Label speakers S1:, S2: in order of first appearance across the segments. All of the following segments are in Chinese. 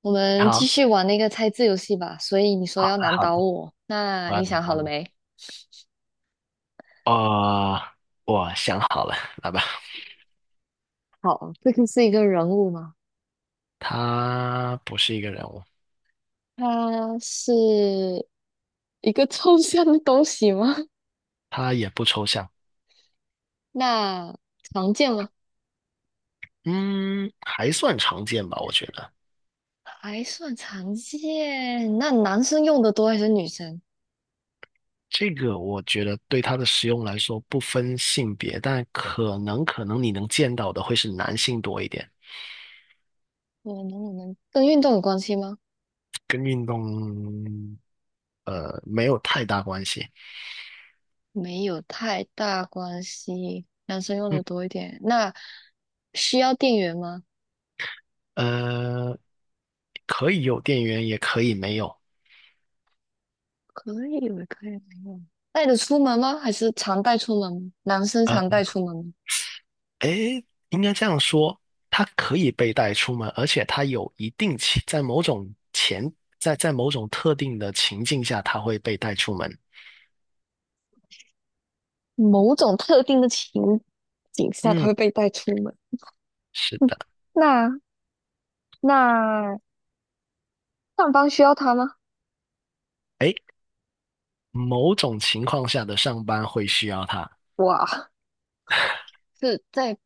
S1: 我们继
S2: 好，
S1: 续玩那个猜字游戏吧。所以你说
S2: 好
S1: 要
S2: 的，
S1: 难
S2: 好
S1: 倒
S2: 的，
S1: 我，那
S2: 我要
S1: 你
S2: 你
S1: 想好
S2: 好
S1: 了
S2: 你。
S1: 没？
S2: 哦，我想好了，来吧。
S1: 好，这个是一个人物吗？
S2: 他不是一个人物，
S1: 它是一个抽象的东西吗？
S2: 他也不抽象。
S1: 那常见吗？
S2: 嗯，还算常见吧，我觉得。
S1: 还算常见。那男生用的多还是女生？
S2: 这个我觉得对他的使用来说不分性别，但可能你能见到的会是男性多一点。
S1: 我能不能跟运动有关系吗？
S2: 跟运动没有太大关系。
S1: 没有太大关系，男生用
S2: 嗯，
S1: 的多一点。那需要电源吗？
S2: 呃，可以有电源，也可以没有。
S1: 可以了，可以了。带着出门吗？还是常带出门吗？男生
S2: 呃
S1: 常带出门吗？
S2: 诶，应该这样说，它可以被带出门，而且它有一定情，在某种特定的情境下，它会被带出门。
S1: 某种特定的情景下，他
S2: 嗯，
S1: 会被带出门。
S2: 是
S1: 嗯，
S2: 的。
S1: 那那上班需要他吗？
S2: 诶，某种情况下的上班会需要它。
S1: 哇，是在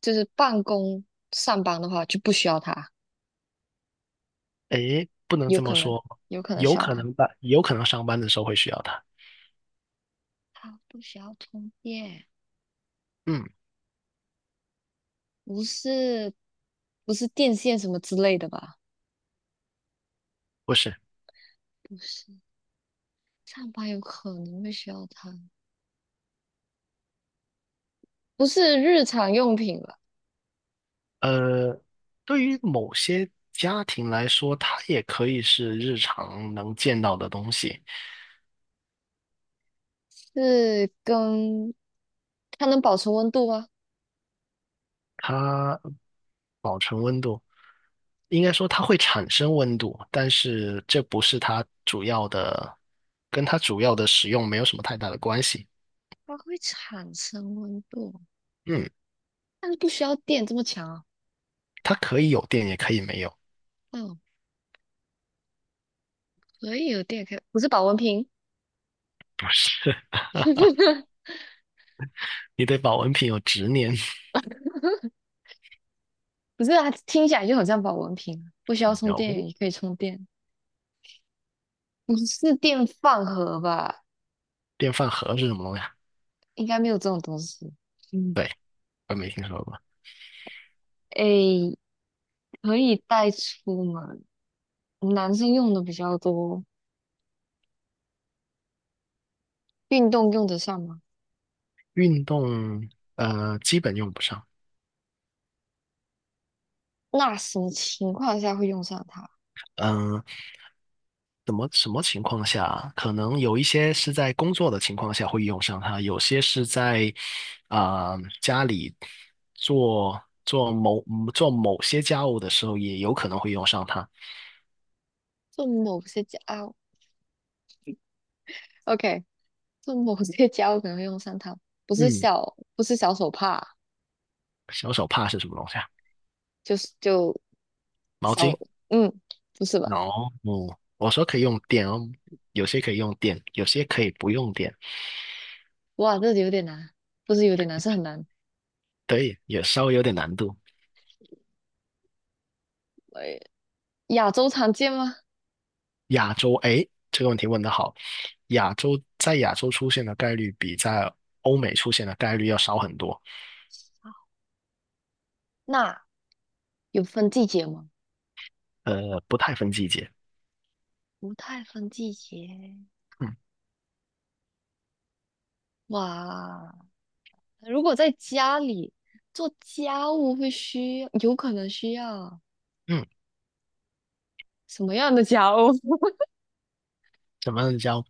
S1: 就是办公上班的话就不需要他，
S2: 不能
S1: 有
S2: 这
S1: 可
S2: 么
S1: 能
S2: 说，
S1: 有可能
S2: 有
S1: 需要
S2: 可
S1: 他。
S2: 能吧，有可能上班的时候会需要它。
S1: 他不需要充电，
S2: 嗯，
S1: 不是不是电线什么之类的吧？
S2: 不是。
S1: 不是，上班有可能会需要它，不是日常用品吧？
S2: 呃，对于某些家庭来说，它也可以是日常能见到的东西。
S1: 是跟它能保持温度吗？
S2: 它应该说它会产生温度，但是这不是它主要的，跟它主要的使用没有什么太大的关系。
S1: 它会产生温度，
S2: 嗯，
S1: 但是不需要电这么强啊。
S2: 它可以有电，也可以没有。
S1: 嗯，可以有电，可以不是保温瓶，
S2: 不是。你对保温瓶有执念。
S1: 不是啊，听起来就很像保温瓶啊，不需要充
S2: n
S1: 电也可以充电，不是电饭盒吧？
S2: 电饭盒是什么东西啊？
S1: 应该没有这种东西。嗯，
S2: 我没听说过。
S1: 诶，可以带出门，男生用的比较多，运动用得上吗？
S2: 运动，基本用不上。
S1: 那什么情况下会用上它？
S2: 嗯、什么情况下，可能有一些是在工作的情况下会用上它，有些是在啊、家里做做某做某些家务的时候，也有可能会用上它。
S1: 做某些家啊，OK，做某些 家务可能会用上它，
S2: 嗯，
S1: 不是小手帕，
S2: 小手帕是什么东西啊？
S1: 就是
S2: 毛
S1: 小，
S2: 巾。
S1: 嗯，不是吧？
S2: 哦，嗯，我说可以用电哦，有些可以用电，有些可以不用电。
S1: 哇，这有点难，不是有点难，是很难。
S2: 对，也稍微有点难度。
S1: 哎，亚洲常见吗？
S2: 亚洲，哎，这个问题问得好。亚洲在亚洲出现的概率比在欧美出现的概率要少很多。
S1: 那有分季节吗？
S2: 不太分季节。
S1: 不太分季节。
S2: 嗯
S1: 哇，如果在家里做家务会需要，有可能需要
S2: 嗯，
S1: 什么样的家务？
S2: 怎么叫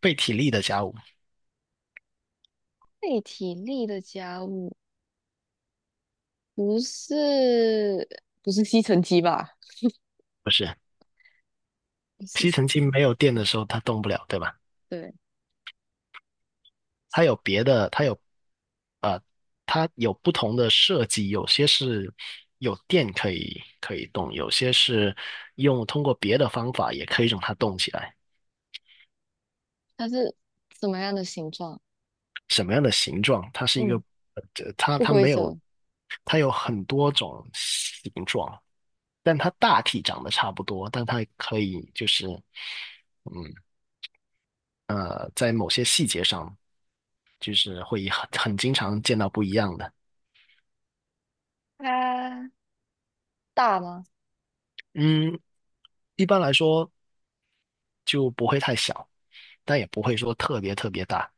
S2: 被体力的家务？
S1: 费体力的家务，不是不是吸尘机吧？
S2: 不是，
S1: 不
S2: 吸
S1: 是，
S2: 尘器没有电的时候它动不了，对吧？
S1: 对。
S2: 它有别的，它有不同的设计，有些是有电可以动，有些是用通过别的方法也可以让它动起来。
S1: 它是什么样的形状？
S2: 什么样的形状，它是一个，
S1: 嗯，
S2: 呃它
S1: 不
S2: 它
S1: 规
S2: 没有，
S1: 则，
S2: 它有很多种形状，但它大体长得差不多，但它可以就是。嗯在某些细节上，就是会很经常见到不一样的。
S1: 它大吗？
S2: 嗯，一般来说就不会太小，但也不会说特别特别大。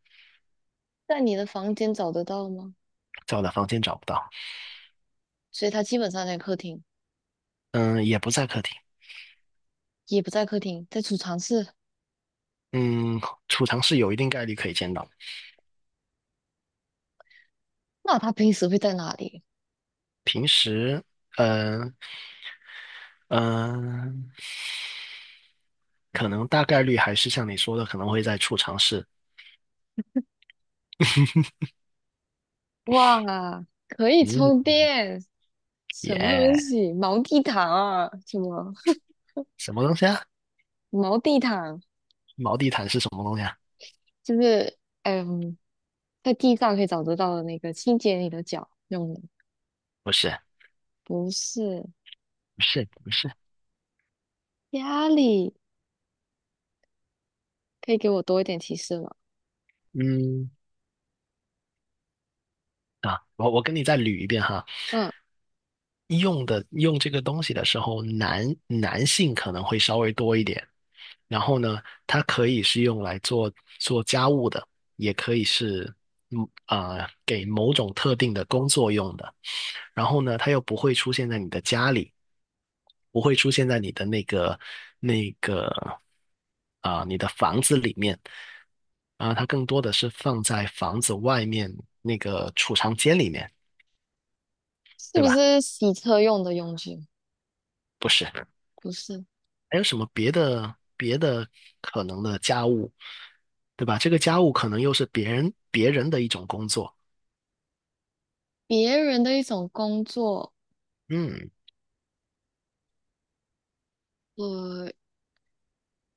S1: 在你的房间找得到吗？
S2: 在我的房间找不到。
S1: 所以它基本上在客厅，
S2: 嗯，也不在客厅。
S1: 也不在客厅，在储藏室。
S2: 嗯，储藏室有一定概率可以见到。
S1: 那它平时会在哪里？
S2: 平时，嗯。嗯，可能大概率还是像你说的，可能会在储藏室。
S1: 哇，可以
S2: 嗯，
S1: 充电，什么东
S2: 耶，
S1: 西？毛地毯啊？什么
S2: 什么东西啊？
S1: 毛地毯？
S2: 毛地毯是什么东西啊？
S1: 就是嗯，在地上可以找得到的那个清洁你的脚用的，
S2: 不是，
S1: 不是
S2: 不是，不是。
S1: 家里。可以给我多一点提示吗？
S2: 嗯，我跟你再捋一遍哈。
S1: 嗯。
S2: 用这个东西的时候，男性可能会稍微多一点。然后呢，它可以是用来做家务的，也可以是给某种特定的工作用的。然后呢，它又不会出现在你的家里。不会出现在你的那个你的房子里面它更多的是放在房子外面那个储藏间里面，
S1: 是
S2: 对
S1: 不
S2: 吧？
S1: 是洗车用的佣金？
S2: 不是，还
S1: 不是，
S2: 有什么别的可能的家务，对吧？这个家务可能又是别人的一种工作。
S1: 别人的一种工作，
S2: 嗯，
S1: 呃，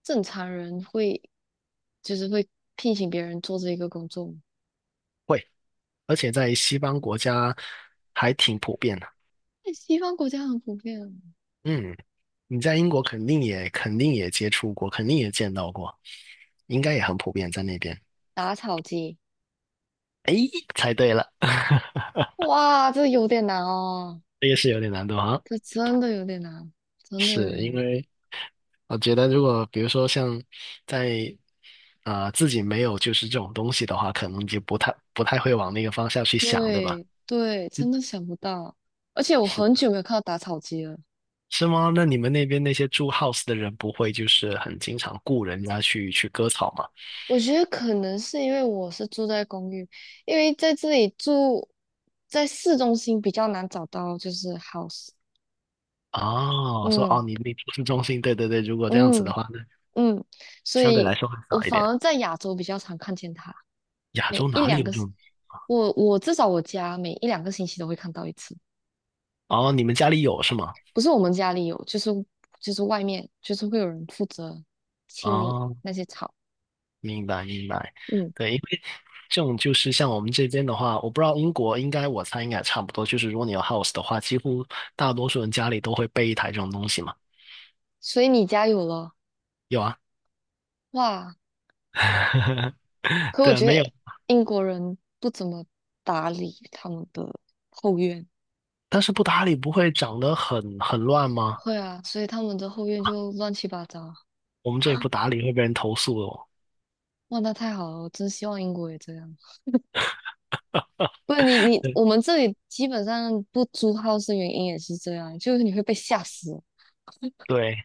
S1: 正常人会就是会聘请别人做这一个工作吗，
S2: 会，而且在西方国家还挺普遍的。
S1: 在西方国家很普遍啊。
S2: 嗯。你在英国肯定也接触过，肯定也见到过，应该也很普遍在那边。
S1: 打草机，
S2: 哎，猜对了，
S1: 哇，这有点难哦，
S2: 这个是有点难度哈。
S1: 这真的有点难，真的有
S2: 是
S1: 点
S2: 因
S1: 难。
S2: 为我觉得，如果比如说像在自己没有就是这种东西的话，可能就不太会往那个方向去想，对吧？
S1: 对对，
S2: 嗯，
S1: 真的想不到，而且我
S2: 是
S1: 很久没有看到打草机了。
S2: 是吗？那你们那边那些住 house 的人不会就是很经常雇人家去割草吗？
S1: 我觉得可能是因为我是住在公寓，因为在这里住在市中心比较难找到就是 house，
S2: 哦，说
S1: 嗯
S2: 哦，你住市中心，对对对。如果这样子的
S1: 嗯
S2: 话，那
S1: 嗯，所
S2: 相对来
S1: 以
S2: 说会
S1: 我
S2: 少一
S1: 反
S2: 点。
S1: 而在亚洲比较常看见它，
S2: 亚洲
S1: 每一
S2: 哪里有
S1: 两
S2: 这
S1: 个，
S2: 种？
S1: 我至少我家每一两个星期都会看到一次，
S2: 哦，你们家里有是吗？
S1: 不是我们家里有，就是外面就是会有人负责清理
S2: 哦，
S1: 那些草，
S2: 明白明白。
S1: 嗯，
S2: 对，因为这种就是像我们这边的话，我不知道英国，我猜应该也差不多，就是如果你有 house 的话，几乎大多数人家里都会备一台这种东西嘛。
S1: 所以你家有了，
S2: 有啊。
S1: 哇，可我
S2: 对，
S1: 觉
S2: 没有，
S1: 得英国人不怎么打理他们的后院，
S2: 但是不打理不会长得很乱吗？
S1: 会啊，所以他们的后院就乱七八糟。
S2: 我们这里不打理会被人投诉的哦。
S1: 哇，那太好了，我真希望英国也这样。不然
S2: 对
S1: 我们这里基本上不租 house 的原因也是这样，就是你会被吓死。
S2: 对，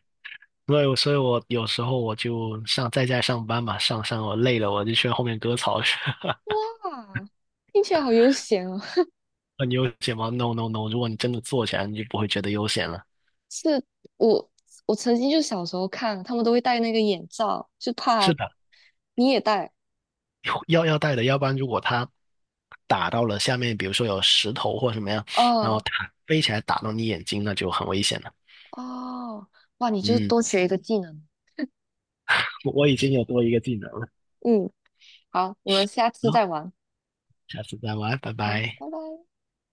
S2: 所以我有时候我就上在家上班嘛，我累了我就去后面割草去。
S1: 啊，听起来好悠闲哦。
S2: 很悠闲吗？No No No，如果你真的做起来，你就不会觉得悠闲了。
S1: 是我我曾经就小时候看，他们都会戴那个眼罩，就
S2: 是
S1: 怕
S2: 的。
S1: 你也戴。
S2: 要带的，要不然如果它打到了下面，比如说有石头或什么样，然后
S1: 哦
S2: 它飞起来打到你眼睛，那就很危险了。
S1: 哦，哇，你就
S2: 嗯，
S1: 多学一个技能。
S2: 我已经有多一个技能了。
S1: 嗯。好，我们下次
S2: 好，
S1: 再玩。
S2: 下次再玩，拜
S1: 好，
S2: 拜。
S1: 拜拜。